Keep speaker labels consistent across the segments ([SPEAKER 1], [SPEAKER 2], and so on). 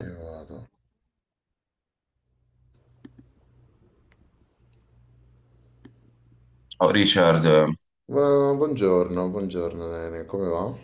[SPEAKER 1] Vado.
[SPEAKER 2] Oh, Richard,
[SPEAKER 1] Ma buongiorno, buongiorno Lene, come va?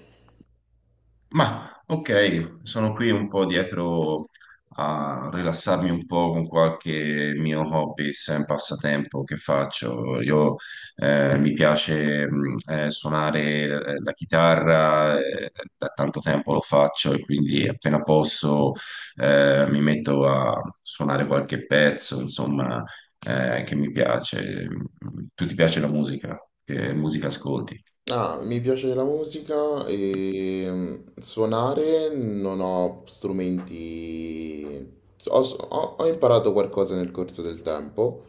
[SPEAKER 2] ma ok, sono qui un po' dietro a rilassarmi un po' con qualche mio hobby, sem passatempo che faccio. Io mi piace suonare la chitarra, da tanto tempo lo faccio e quindi appena posso mi metto a suonare qualche pezzo, insomma, che mi piace. Tu ti piace la musica? Che musica ascolti?
[SPEAKER 1] Ah, mi piace la musica e suonare non ho strumenti. Ho imparato qualcosa nel corso del tempo,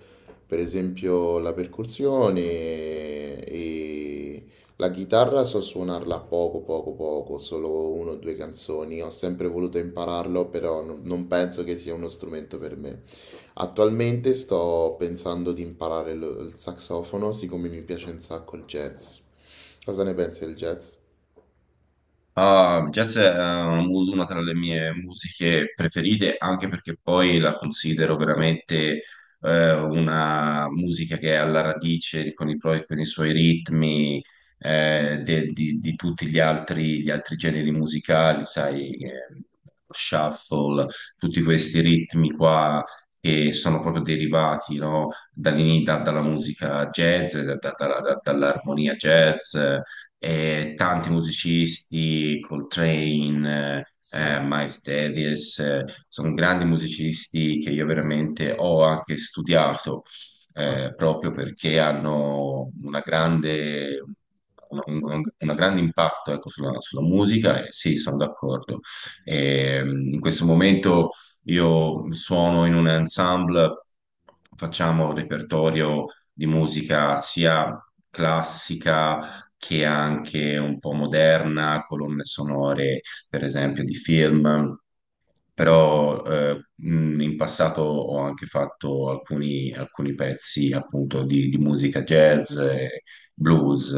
[SPEAKER 1] per esempio la percussione e la chitarra so suonarla poco, poco, poco, solo uno o due canzoni. Ho sempre voluto impararlo, però non penso che sia uno strumento per me. Attualmente sto pensando di imparare il saxofono, siccome mi piace un sacco il jazz. Cosa ne pensi del jazz?
[SPEAKER 2] Ah, jazz è una tra le mie musiche preferite, anche perché poi la considero veramente una musica che è alla radice con con i suoi ritmi di tutti gli altri generi musicali, sai, shuffle, tutti questi ritmi qua che sono proprio derivati, no, dalla musica jazz, dall'armonia jazz. Tanti musicisti, Coltrane,
[SPEAKER 1] Sì.
[SPEAKER 2] Miles Davis, sono grandi musicisti che io veramente ho anche studiato,
[SPEAKER 1] Ah,
[SPEAKER 2] proprio perché hanno una grande, un grande impatto, ecco, sulla, sulla musica, e sì, sono d'accordo. In questo momento io suono in un ensemble, facciamo un repertorio di musica sia classica, che è anche un po' moderna, colonne sonore, per esempio, di film.
[SPEAKER 1] mm.
[SPEAKER 2] Però in passato ho anche fatto alcuni, alcuni pezzi appunto di musica jazz, e blues.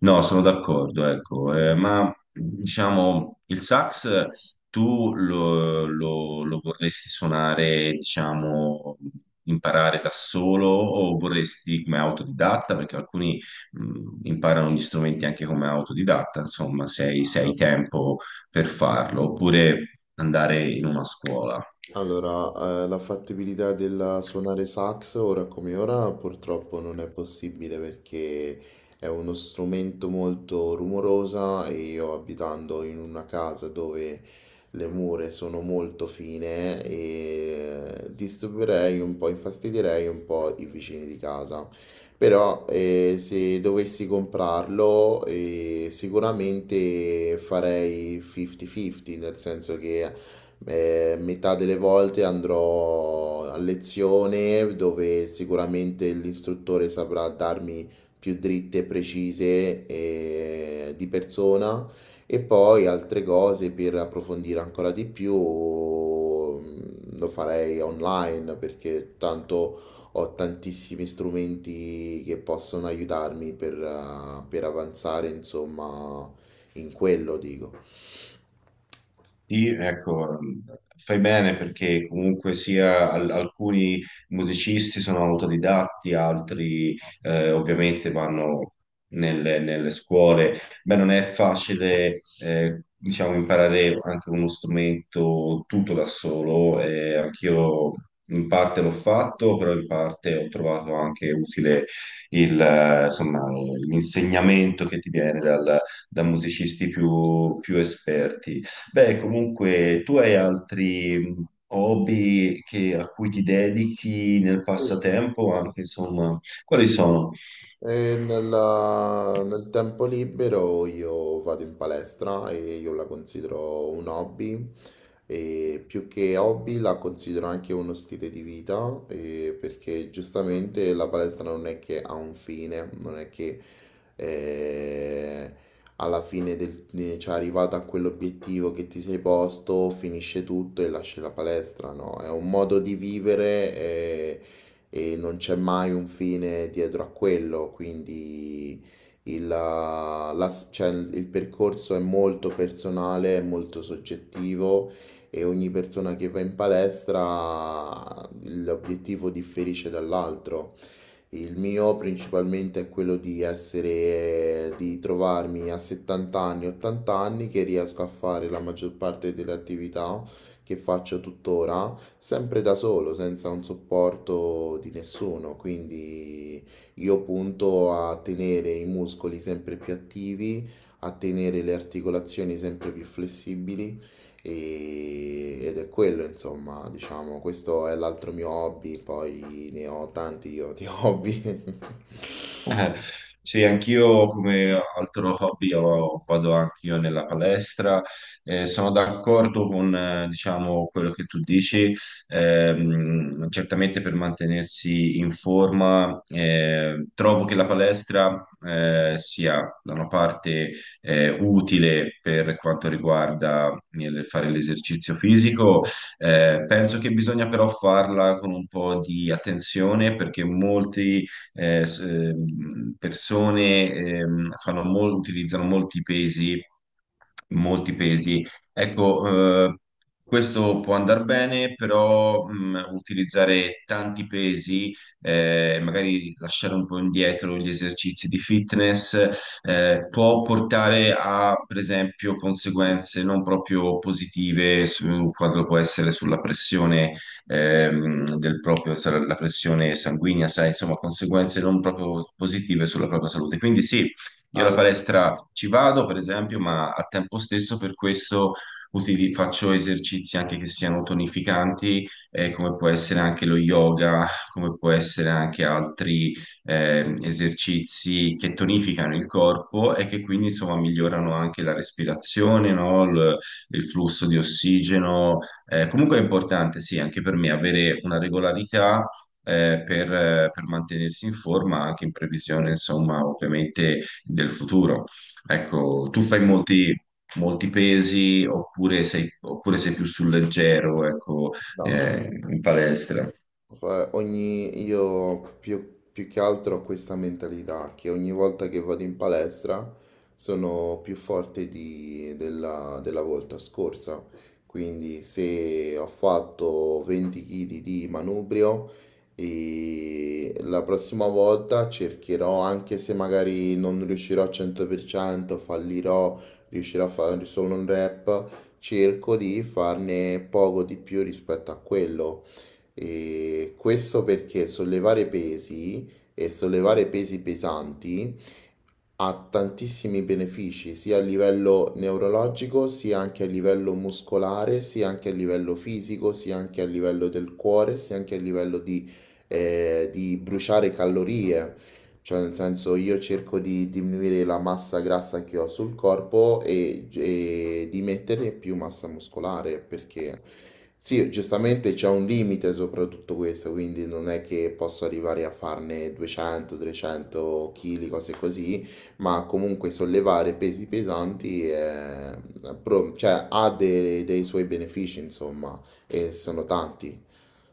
[SPEAKER 2] No, sono d'accordo, ecco, ma diciamo il sax tu lo vorresti suonare, diciamo, imparare da solo o vorresti come autodidatta? Perché alcuni imparano gli strumenti anche come autodidatta, insomma, se hai, se hai tempo per farlo, oppure andare in una scuola.
[SPEAKER 1] Allora, la fattibilità del suonare sax ora come ora purtroppo non è possibile perché è uno strumento molto rumorosa e io abitando in una casa dove le mura sono molto fine e disturberei un po', infastidirei un po' i vicini di casa. Però se dovessi comprarlo sicuramente farei 50-50, nel senso che metà delle volte andrò a lezione dove sicuramente l'istruttore saprà darmi più dritte e precise di persona e poi altre cose per approfondire ancora di più lo farei online perché tanto ho tantissimi strumenti che possono aiutarmi per avanzare, insomma, in quello dico.
[SPEAKER 2] Sì, ecco, fai bene perché comunque sia alcuni musicisti sono autodidatti, altri ovviamente vanno nelle, nelle scuole. Beh, non è facile, diciamo, imparare anche uno strumento tutto da solo. Anch'io in parte l'ho fatto, però in parte ho trovato anche utile insomma, l'insegnamento che ti viene da musicisti più esperti. Beh, comunque, tu hai altri hobby a cui ti dedichi nel
[SPEAKER 1] Sì.
[SPEAKER 2] passatempo, anche insomma, quali sono?
[SPEAKER 1] E nel tempo libero io vado in palestra e io la considero un hobby e più che hobby la considero anche uno stile di vita e perché giustamente la palestra non è che ha un fine, non è che eh, alla fine cioè arrivato a quell'obiettivo che ti sei posto, finisce tutto e lasci la palestra, no? È un modo di vivere e non c'è mai un fine dietro a quello, quindi cioè, il percorso è molto personale, è molto soggettivo e ogni persona che va in palestra l'obiettivo differisce dall'altro. Il mio principalmente è quello di essere, di trovarmi a 70 anni, 80 anni che riesco a fare la maggior parte delle attività che faccio tuttora, sempre da solo, senza un supporto di nessuno. Quindi io punto a tenere i muscoli sempre più attivi, a tenere le articolazioni sempre più flessibili ed è quello, insomma, diciamo, questo è l'altro mio hobby, poi ne ho tanti io di hobby.
[SPEAKER 2] Eh, Sì, anch'io come altro hobby vado anch'io nella palestra. Sono d'accordo con, diciamo, quello che tu dici. Certamente per mantenersi in forma, trovo che la palestra, sia da una parte, utile per quanto riguarda il fare l'esercizio fisico. Penso che bisogna però farla con un po' di attenzione perché molti persone fanno utilizzano molti pesi, molti pesi. Ecco, questo può andare bene, però utilizzare tanti pesi, magari lasciare un po' indietro gli esercizi di fitness, può portare a, per esempio, conseguenze non proprio positive su quanto può essere sulla pressione del proprio, sarà la pressione sanguigna, sai, insomma, conseguenze non proprio positive sulla propria salute. Quindi sì, io alla
[SPEAKER 1] Allora,
[SPEAKER 2] palestra ci vado, per esempio, ma al tempo stesso per questo faccio esercizi anche che siano tonificanti, come può essere anche lo yoga, come può essere anche altri esercizi che tonificano il corpo e che quindi insomma migliorano anche la respirazione, no? Il flusso di ossigeno, comunque è importante, sì, anche per me avere una regolarità per mantenersi in forma anche in previsione, insomma, ovviamente del futuro. Ecco, tu fai molti, molti pesi oppure sei più sul leggero, ecco,
[SPEAKER 1] no,
[SPEAKER 2] in palestra?
[SPEAKER 1] cioè, ogni, io più, più che altro ho questa mentalità che ogni volta che vado in palestra sono più forte della, della volta scorsa. Quindi se ho fatto 20 kg di manubrio, e la prossima volta cercherò, anche se magari non riuscirò al 100%, fallirò, riuscirò a fare solo un rep, cerco di farne poco di più rispetto a quello e questo perché sollevare pesi e sollevare pesi pesanti ha tantissimi benefici sia a livello neurologico, sia anche a livello muscolare, sia anche a livello fisico, sia anche a livello del cuore, sia anche a livello di bruciare calorie. Cioè, nel senso, io cerco di diminuire la massa grassa che ho sul corpo e di mettere più massa muscolare, perché sì, giustamente c'è un limite soprattutto questo, quindi non è che posso arrivare a farne 200, 300 kg, cose così, ma comunque sollevare pesi pesanti è- pro- cioè, ha dei, dei suoi benefici, insomma, e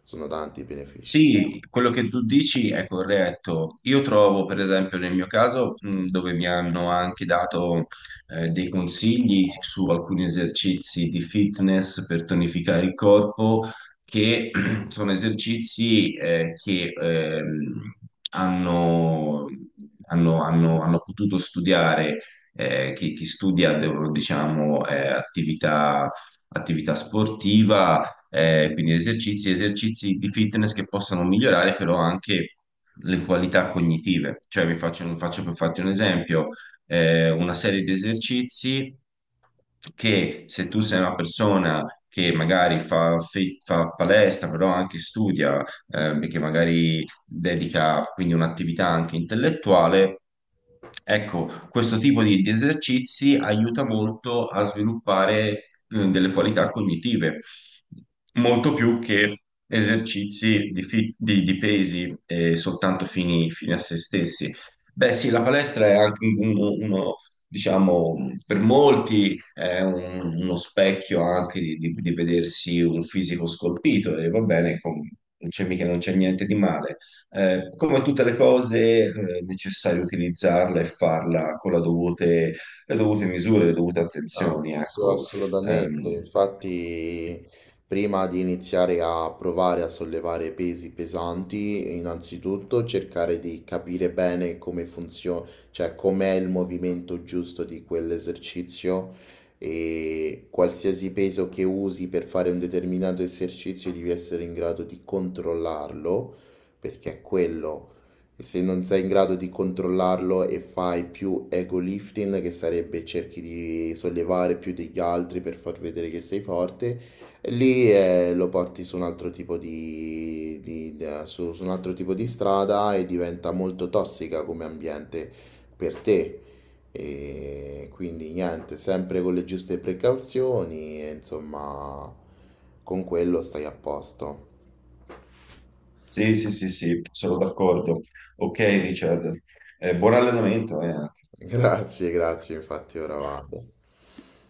[SPEAKER 1] sono tanti i benefici.
[SPEAKER 2] Sì, quello che tu dici è corretto. Io trovo, per esempio, nel mio caso, dove mi hanno anche dato dei consigli su alcuni esercizi di fitness per tonificare il corpo, che sono esercizi che hanno, hanno potuto studiare, chi, chi studia, diciamo, attività attività sportiva quindi esercizi, esercizi di fitness che possano migliorare però anche le qualità cognitive. Cioè, vi faccio, faccio per farti un esempio, una serie di esercizi che se tu sei una persona che magari fa, fa palestra, però anche studia, che magari dedica quindi un'attività anche intellettuale, ecco, questo tipo di esercizi aiuta molto a sviluppare delle qualità cognitive, molto più che esercizi di pesi soltanto fini, fini a se stessi. Beh, sì, la palestra è anche uno, uno, diciamo, per molti è uno specchio anche di vedersi un fisico scolpito e va bene, non c'è mica non c'è niente di male. Come tutte le cose, è necessario utilizzarla e farla con la dovute, le dovute misure, le dovute
[SPEAKER 1] Ah,
[SPEAKER 2] attenzioni, ecco.
[SPEAKER 1] assolutamente,
[SPEAKER 2] Ehm,
[SPEAKER 1] infatti prima di iniziare a provare a sollevare pesi pesanti, innanzitutto cercare di capire bene come funziona, cioè com'è il movimento giusto di quell'esercizio e qualsiasi peso che usi per fare un determinato esercizio devi essere in grado di controllarlo, perché è quello. E se non sei in grado di controllarlo e fai più ego lifting, che sarebbe cerchi di sollevare più degli altri per far vedere che sei forte, lì lo porti su un altro tipo di, su un altro tipo di strada e diventa molto tossica come ambiente per te. E quindi niente, sempre con le giuste precauzioni, e insomma, con quello stai a posto.
[SPEAKER 2] sì, sì, sì, sì, sono d'accordo. Ok, Richard, eh, buon allenamento, eh.
[SPEAKER 1] Grazie, grazie, infatti ora vado.